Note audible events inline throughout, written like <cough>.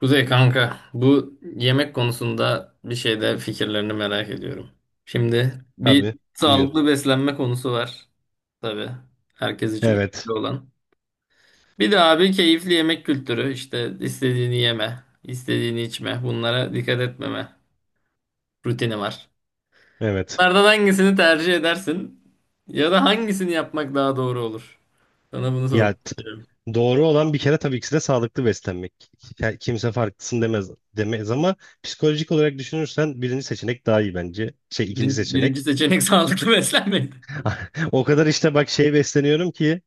Kuzey kanka, bu yemek konusunda bir şeyde fikirlerini merak ediyorum. Şimdi bir Tabii. Buyur. sağlıklı beslenme konusu var. Tabii herkes için Evet. önemli olan. Bir de abi keyifli yemek kültürü. İşte istediğini yeme, istediğini içme, bunlara dikkat etmeme rutini var. Evet. Bunlardan hangisini tercih edersin ya da hangisini yapmak daha doğru olur? Sana bunu sormak Ya t- istiyorum. doğru olan bir kere tabii ki de sağlıklı beslenmek. Kimse farklısın demez ama psikolojik olarak düşünürsen birinci seçenek daha iyi bence. İkinci Birinci seçenek. seçenek <laughs> sağlıklı beslenmek. <laughs> O kadar işte bak besleniyorum ki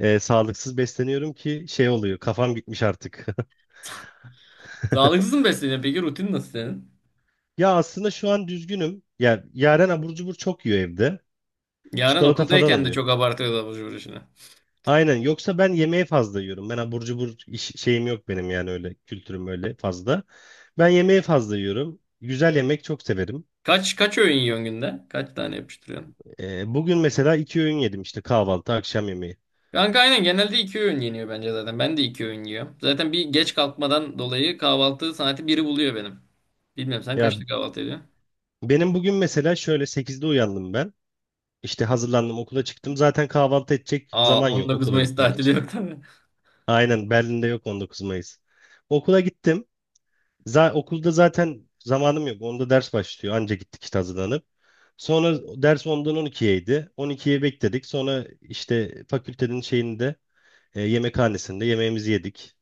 sağlıksız besleniyorum ki şey oluyor. Kafam gitmiş artık. Sağlıksız <laughs> mı besleniyorsun? Peki rutin nasıl senin? Ya aslında şu an düzgünüm. Ya Yaren abur cubur çok yiyor evde. Yarın Çikolata falan okuldayken de alıyor. çok abartıyordu abur cubur işini. Aynen. Yoksa ben yemeği fazla yiyorum. Ben abur cubur şeyim yok benim, yani öyle kültürüm öyle fazla. Ben yemeği fazla yiyorum. Güzel yemek çok severim. Kaç öğün yiyorsun günde? Kaç tane yapıştırıyorsun? Bugün mesela iki öğün yedim işte, kahvaltı, akşam yemeği. Kanka aynen genelde iki öğün yeniyor bence zaten. Ben de iki öğün yiyorum. Zaten bir geç kalkmadan dolayı kahvaltı saati biri buluyor benim. Bilmiyorum sen Ya kaçta kahvaltı ediyorsun? benim bugün mesela şöyle sekizde uyandım ben. İşte hazırlandım, okula çıktım. Zaten kahvaltı edecek Aa, zaman on yok dokuz okula Mayıs gitmek tatili için. yok tabii. Aynen, Berlin'de yok 19 Mayıs. Okula gittim. Okulda zaten zamanım yok. Onda ders başlıyor. Anca gittik işte hazırlanıp. Sonra ders 10'dan 12'yeydi. 12'ye bekledik. Sonra işte fakültenin şeyinde, yemekhanesinde yemeğimizi yedik.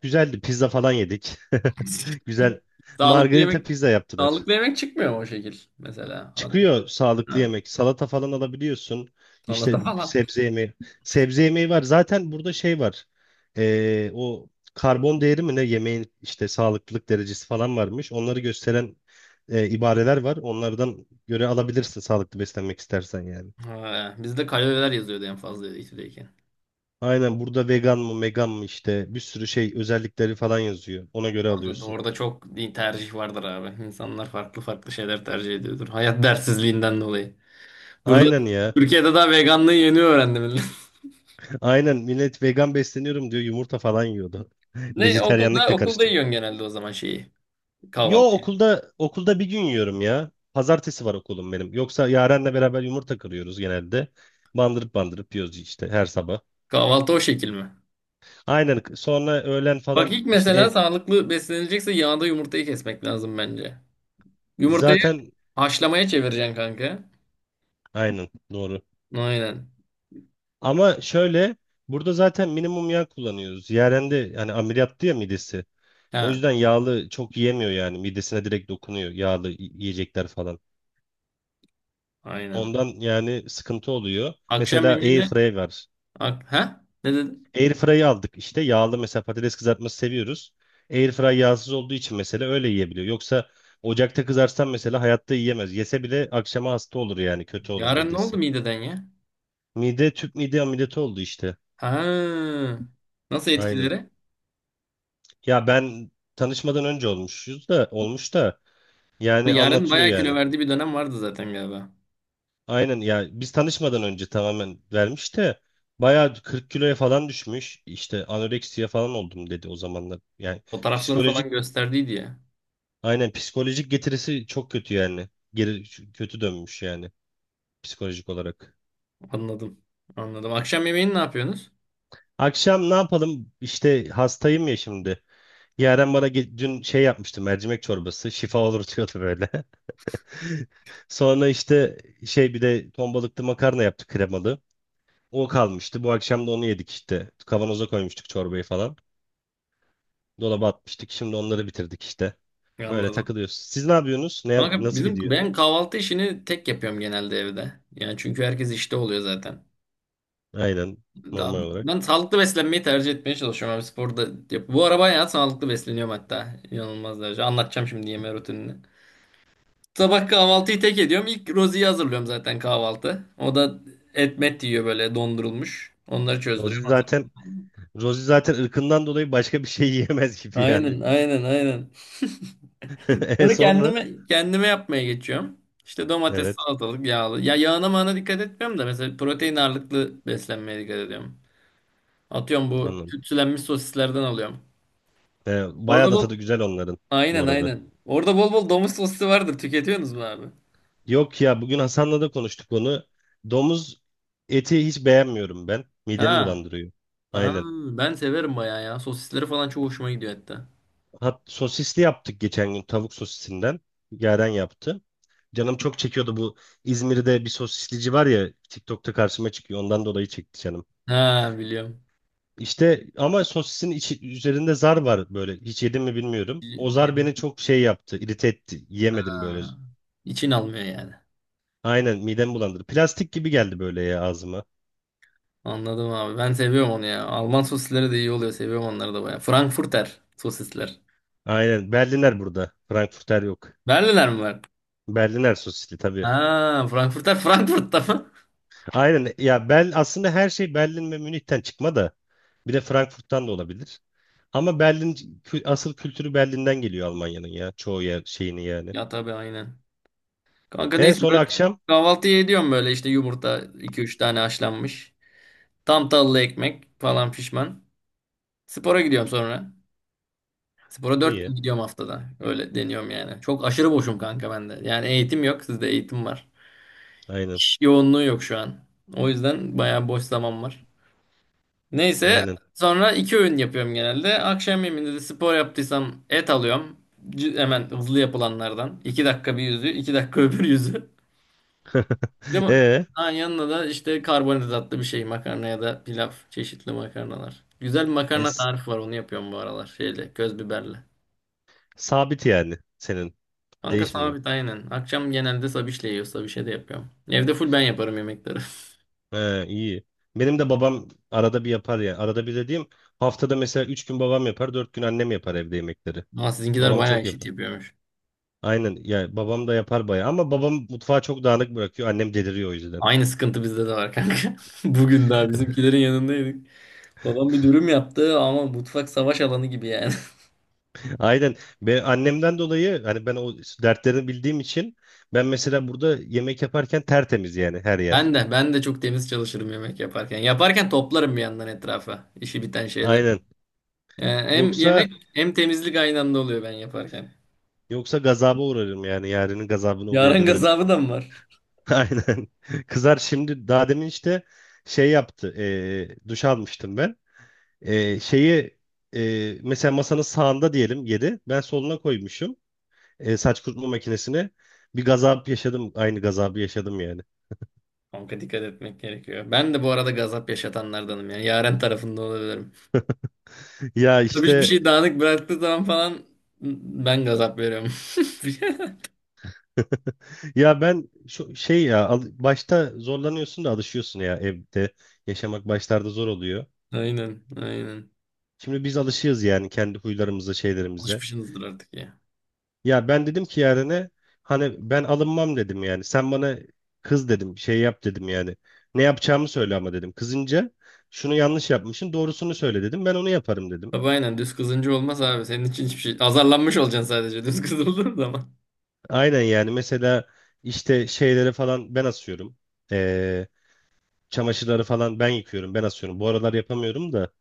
Güzeldi. Pizza falan yedik. <laughs> <laughs> Güzel. Sağlıklı Margarita yemek pizza yaptılar. sağlıklı yemek çıkmıyor mu o şekil mesela? Çıkıyor sağlıklı Ha, yemek. Salata falan alabiliyorsun. salata İşte falan. sebze yemeği. Sebze yemeği var. Zaten burada şey var. O karbon değeri mi ne yemeğin, işte sağlıklılık derecesi falan varmış. Onları gösteren ibareler var. Onlardan göre alabilirsin sağlıklı beslenmek istersen yani. Ha, bizde kaloriler yazıyordu en fazla ikide. Aynen, burada vegan mı megan mı işte bir sürü şey özellikleri falan yazıyor. Ona göre Orada, alıyorsun. orada çok tercih vardır abi. İnsanlar farklı farklı şeyler tercih ediyordur. Hayat dersizliğinden dolayı. Burada Aynen ya. Türkiye'de daha veganlığı yeni öğrendim. <laughs> Aynen millet vegan besleniyorum diyor yumurta falan yiyordu. <laughs> Ne Vejeteryanlık okulda da okulda karıştı. yiyorsun genelde o zaman şeyi? Yo Kahvaltı. okulda bir gün yiyorum ya. Pazartesi var okulum benim. Yoksa Yaren'le beraber yumurta kırıyoruz genelde. Bandırıp yiyoruz işte her sabah. Kahvaltı o şekil mi? Aynen sonra öğlen Bak falan ilk işte mesela sağlıklı beslenilecekse yağda yumurtayı kesmek lazım bence. Yumurtayı zaten haşlamaya çevireceksin kanka. aynen doğru. Aynen. Ama şöyle, burada zaten minimum yağ kullanıyoruz. Yaren de hani ameliyattı ya midesi. O Ha, yüzden yağlı çok yiyemiyor yani. Midesine direkt dokunuyor yağlı yiyecekler falan. aynen. Ondan yani sıkıntı oluyor. Akşam Mesela yemeğine airfryer var. Ha? Ne dedin? Airfry'ı aldık işte. Yağlı mesela patates kızartması seviyoruz. Airfry yağsız olduğu için mesela öyle yiyebiliyor. Yoksa ocakta kızarsan mesela hayatta yiyemez. Yese bile akşama hasta olur, yani kötü olur Yaren ne midesi. oldu mideden ya? Mide, tüp mide ameliyatı oldu işte. Ha. Nasıl Aynen. etkileri? Ya ben tanışmadan önce olmuş da yani Yaren anlatıyor bayağı kilo yani. verdiği bir dönem vardı zaten galiba. Aynen ya, biz tanışmadan önce tamamen vermiş de bayağı 40 kiloya falan düşmüş. İşte anoreksiye falan oldum dedi o zamanlar. Yani Fotoğrafları psikolojik falan gösterdiydi ya. Aynen psikolojik getirisi çok kötü yani. Kötü dönmüş yani psikolojik olarak. Anladım. Anladım. Akşam yemeğini ne yapıyorsunuz? Akşam ne yapalım? İşte hastayım ya şimdi. Yaren bana dün şey yapmıştı, mercimek çorbası. Şifa olur diyordu böyle. <laughs> Sonra işte bir de ton balıklı makarna yaptık kremalı. O kalmıştı. Bu akşam da onu yedik işte. Kavanoza koymuştuk çorbayı falan. Dolaba atmıştık. Şimdi onları bitirdik işte. Öyle Anladım. takılıyoruz. Siz ne yapıyorsunuz? Kanka Nasıl bizim gidiyor? ben kahvaltı işini tek yapıyorum genelde evde. Yani çünkü herkes işte oluyor zaten. Aynen Daha, normal olarak. ben sağlıklı beslenmeyi tercih etmeye çalışıyorum abi sporda. Yap. Bu ara bayağı sağlıklı besleniyorum hatta. İnanılmaz derece. Anlatacağım şimdi yeme rutinini. Sabah kahvaltıyı tek ediyorum. İlk Rozi'yi hazırlıyorum zaten kahvaltı. O da et met yiyor böyle dondurulmuş. Onları Rozi çözdürüyorum. zaten Rosie zaten ırkından dolayı başka bir şey <laughs> yiyemez gibi yani. Aynen, aynen, aynen. <laughs> E Bunu sonra? kendime yapmaya geçiyorum. İşte domates, Evet, salatalık, yağlı. Ya yağına mağına dikkat etmiyorum da mesela protein ağırlıklı beslenmeye dikkat ediyorum. Atıyorum bu anladım. tütsülenmiş sosislerden alıyorum. Bayağı Orada da bol tadı güzel onların bu Aynen, arada. aynen. Orada bol bol domuz sosisi vardır. Tüketiyorsunuz mu abi? Yok ya, bugün Hasan'la da konuştuk onu. Domuz eti hiç beğenmiyorum ben. Midemi Ha. bulandırıyor. Ha, Aynen. ben severim bayağı ya. Sosisleri falan çok hoşuma gidiyor hatta. Hat sosisli yaptık geçen gün tavuk sosisinden. Yaren yaptı. Canım çok çekiyordu bu, İzmir'de bir sosislici var ya TikTok'ta karşıma çıkıyor. Ondan dolayı çekti canım. Ha, biliyorum. İşte ama sosisin içi, üzerinde zar var böyle. Hiç yedim mi bilmiyorum. O zar Yedim. beni çok şey yaptı, irite etti. Yiyemedim böyle. Ha. İçin almıyor yani. Aynen midem bulandırdı. Plastik gibi geldi böyle ya ağzıma. Anladım abi. Ben seviyorum onu ya. Alman sosisleri de iyi oluyor. Seviyorum onları da bayağı. Frankfurter sosisler. Aynen Berliner burada. Frankfurter yok. Berliner mi var? Berliner sosisli tabii. Ha, Frankfurter Frankfurt'ta mı? <laughs> Aynen ya, aslında her şey Berlin ve Münih'ten çıkma da bir de Frankfurt'tan da olabilir. Ama asıl kültürü Berlin'den geliyor Almanya'nın ya. Çoğu yer şeyini yani. Ya tabii aynen. Kanka E neyse sonra böyle akşam? kahvaltıyı ediyorum böyle işte yumurta iki üç tane haşlanmış. Tam tahıllı ekmek falan pişman. Spora gidiyorum sonra. Spora dört İyi. gün gidiyorum haftada. Öyle deniyorum yani. Çok aşırı boşum kanka bende. Yani eğitim yok. Sizde eğitim var. Aynen. İş yoğunluğu yok şu an. O yüzden bayağı boş zaman var. Neyse Aynen. sonra iki öğün yapıyorum genelde. Akşam yemeğinde de spor yaptıysam et alıyorum. Hemen hızlı yapılanlardan. 2 dakika bir yüzü, 2 dakika <laughs> öbür yüzü. Bir de <laughs> E, ha, yanına da işte karbonhidratlı bir şey makarna ya da pilav. Çeşitli makarnalar. Güzel bir e, makarna tarifi var onu yapıyorum bu aralar. Şeyle köz biberle. Sabit yani senin. Kanka Değişmiyor. sabit aynen. Akşam genelde sabişle yiyor. Sabişe de yapıyorum. Evde full ben yaparım yemekleri. He, iyi. Benim de babam arada bir yapar ya. Arada bir dediğim, haftada mesela 3 gün babam yapar, 4 gün annem yapar evde yemekleri. <laughs> Ama sizinkiler Babam bayağı çok eşit yapar. yapıyormuş. Aynen ya, babam da yapar bayağı ama babam mutfağı çok dağınık bırakıyor. Annem deliriyor o yüzden. Aynı sıkıntı bizde de var kanka. <laughs> Bugün daha <laughs> bizimkilerin yanındaydık. Babam bir dürüm yaptı ama mutfak savaş alanı gibi yani. <laughs> Aynen. Ben annemden dolayı hani ben o dertlerini bildiğim için ben mesela burada yemek yaparken tertemiz yani her yer. Ben de çok temiz çalışırım yemek yaparken. Yaparken toplarım bir yandan etrafa işi biten şeyler. Aynen. Yani hem Yoksa yemek hem temizlik aynı anda oluyor ben yaparken. yoksa gazaba uğrarım yani, yarının gazabına Yaren uğrayabilirim. gazabı da mı var? <laughs> Aynen. Kızar şimdi, daha demin işte şey yaptı. Duş almıştım ben. E, şeyi Mesela masanın sağında diyelim yedi. Ben soluna koymuşum, saç kurutma makinesini. Bir gazap yaşadım. Aynı gazabı yaşadım yani. Kanka dikkat etmek gerekiyor. Ben de bu arada gazap yaşatanlardanım yani. Yaren tarafında olabilirim. <laughs> Ya Tabii hiçbir işte şey dağınık bıraktığı zaman falan ben gazap veriyorum. Ya ben şu şey ya al- başta zorlanıyorsun da alışıyorsun ya evde. Yaşamak başlarda zor oluyor. <laughs> Aynen, aynen. Şimdi biz alışığız yani kendi huylarımıza, şeylerimize. Alışmışsınızdır artık ya. Ya ben dedim ki Yaren'e, hani ben alınmam dedim yani. Sen bana kız dedim, şey yap dedim yani. Ne yapacağımı söyle ama dedim. Kızınca şunu yanlış yapmışsın, doğrusunu söyle dedim. Ben onu yaparım dedim. Tabii aynen düz kızınca olmaz abi. Senin için hiçbir şey. Azarlanmış olacaksın sadece <laughs> düz kızıldığın zaman. Aynen yani mesela işte şeyleri falan ben asıyorum. Ee, Çamaşırları falan ben yıkıyorum, ben asıyorum. Bu aralar yapamıyorum da.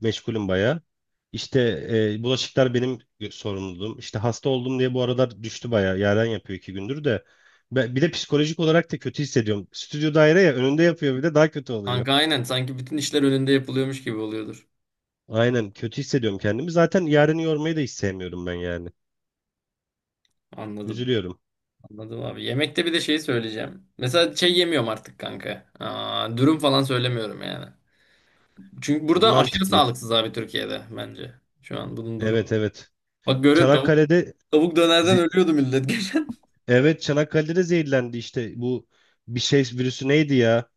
Meşgulüm bayağı. İşte Bulaşıklar benim sorumluluğum. İşte hasta oldum diye bu aralar düştü bayağı. Yaren yapıyor iki gündür de. Bir de psikolojik olarak da kötü hissediyorum. Stüdyo daire ya, önünde yapıyor bir de, daha kötü oluyor. Kanka aynen sanki bütün işler önünde yapılıyormuş gibi oluyordur. Aynen kötü hissediyorum kendimi. Zaten Yaren'i yormayı da hiç sevmiyorum ben yani. Anladım. Üzülüyorum. Anladım abi. Yemekte bir de şeyi söyleyeceğim. Mesela şey yemiyorum artık kanka. Aa, dürüm falan söylemiyorum yani. Çünkü burada aşırı Mantıklı. sağlıksız abi Türkiye'de bence. Şu an bunun Evet, durumu. evet. Bak görüyorsun tavuk, Çanakkale'de tavuk dönerden ze- ölüyordu millet <laughs> geçen. evet, Çanakkale'de de zehirlendi işte bu, bir şey virüsü neydi ya?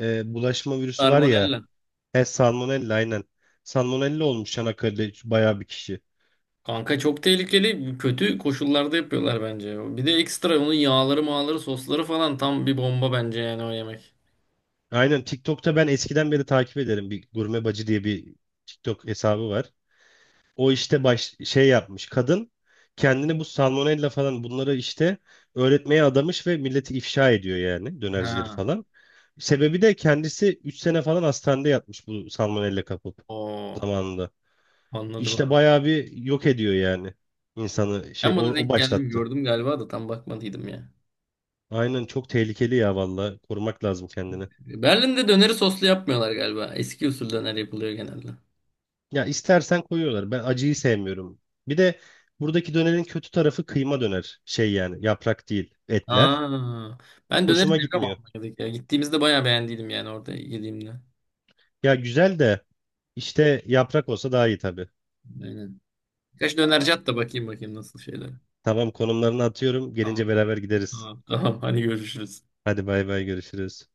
Bulaşma virüsü var ya. Salmonella. He, Salmonella aynen. Salmonella olmuş Çanakkale'de bayağı bir kişi. Kanka çok tehlikeli. Kötü koşullarda yapıyorlar bence. Bir de ekstra onun yağları, mağları, sosları falan tam bir bomba bence yani o yemek. Aynen TikTok'ta ben eskiden beri takip ederim. Bir Gurme Bacı diye bir TikTok hesabı var. O işte şey yapmış. Kadın kendini bu salmonella falan bunları işte öğretmeye adamış ve milleti ifşa ediyor yani, dönercileri Ha. falan. Sebebi de kendisi 3 sene falan hastanede yatmış bu salmonella kapıp O. zamanında. Anladım İşte abi. bayağı bir yok ediyor yani insanı, Ben o buna o denk geldim başlattı. gördüm galiba da tam bakmadıydım ya. Aynen çok tehlikeli ya valla. Korumak lazım kendini. Berlin'de döneri soslu yapmıyorlar galiba. Eski usul döner yapılıyor genelde. Ya istersen koyuyorlar. Ben acıyı sevmiyorum. Bir de buradaki dönerin kötü tarafı kıyma döner. Şey yani yaprak değil etler. Aa, ben döneri Hoşuma seviyorum gitmiyor. Almanya'daki ya. Gittiğimizde bayağı beğendiydim yani orada yediğimde. Ya güzel de işte yaprak olsa daha iyi tabii. Aynen. Kaç dönerci at da bakayım bakayım nasıl şeyler. Tamam, konumlarını atıyorum. Tamam. Gelince beraber gideriz. Tamam. Tamam. Hadi görüşürüz. Hadi bay bay görüşürüz.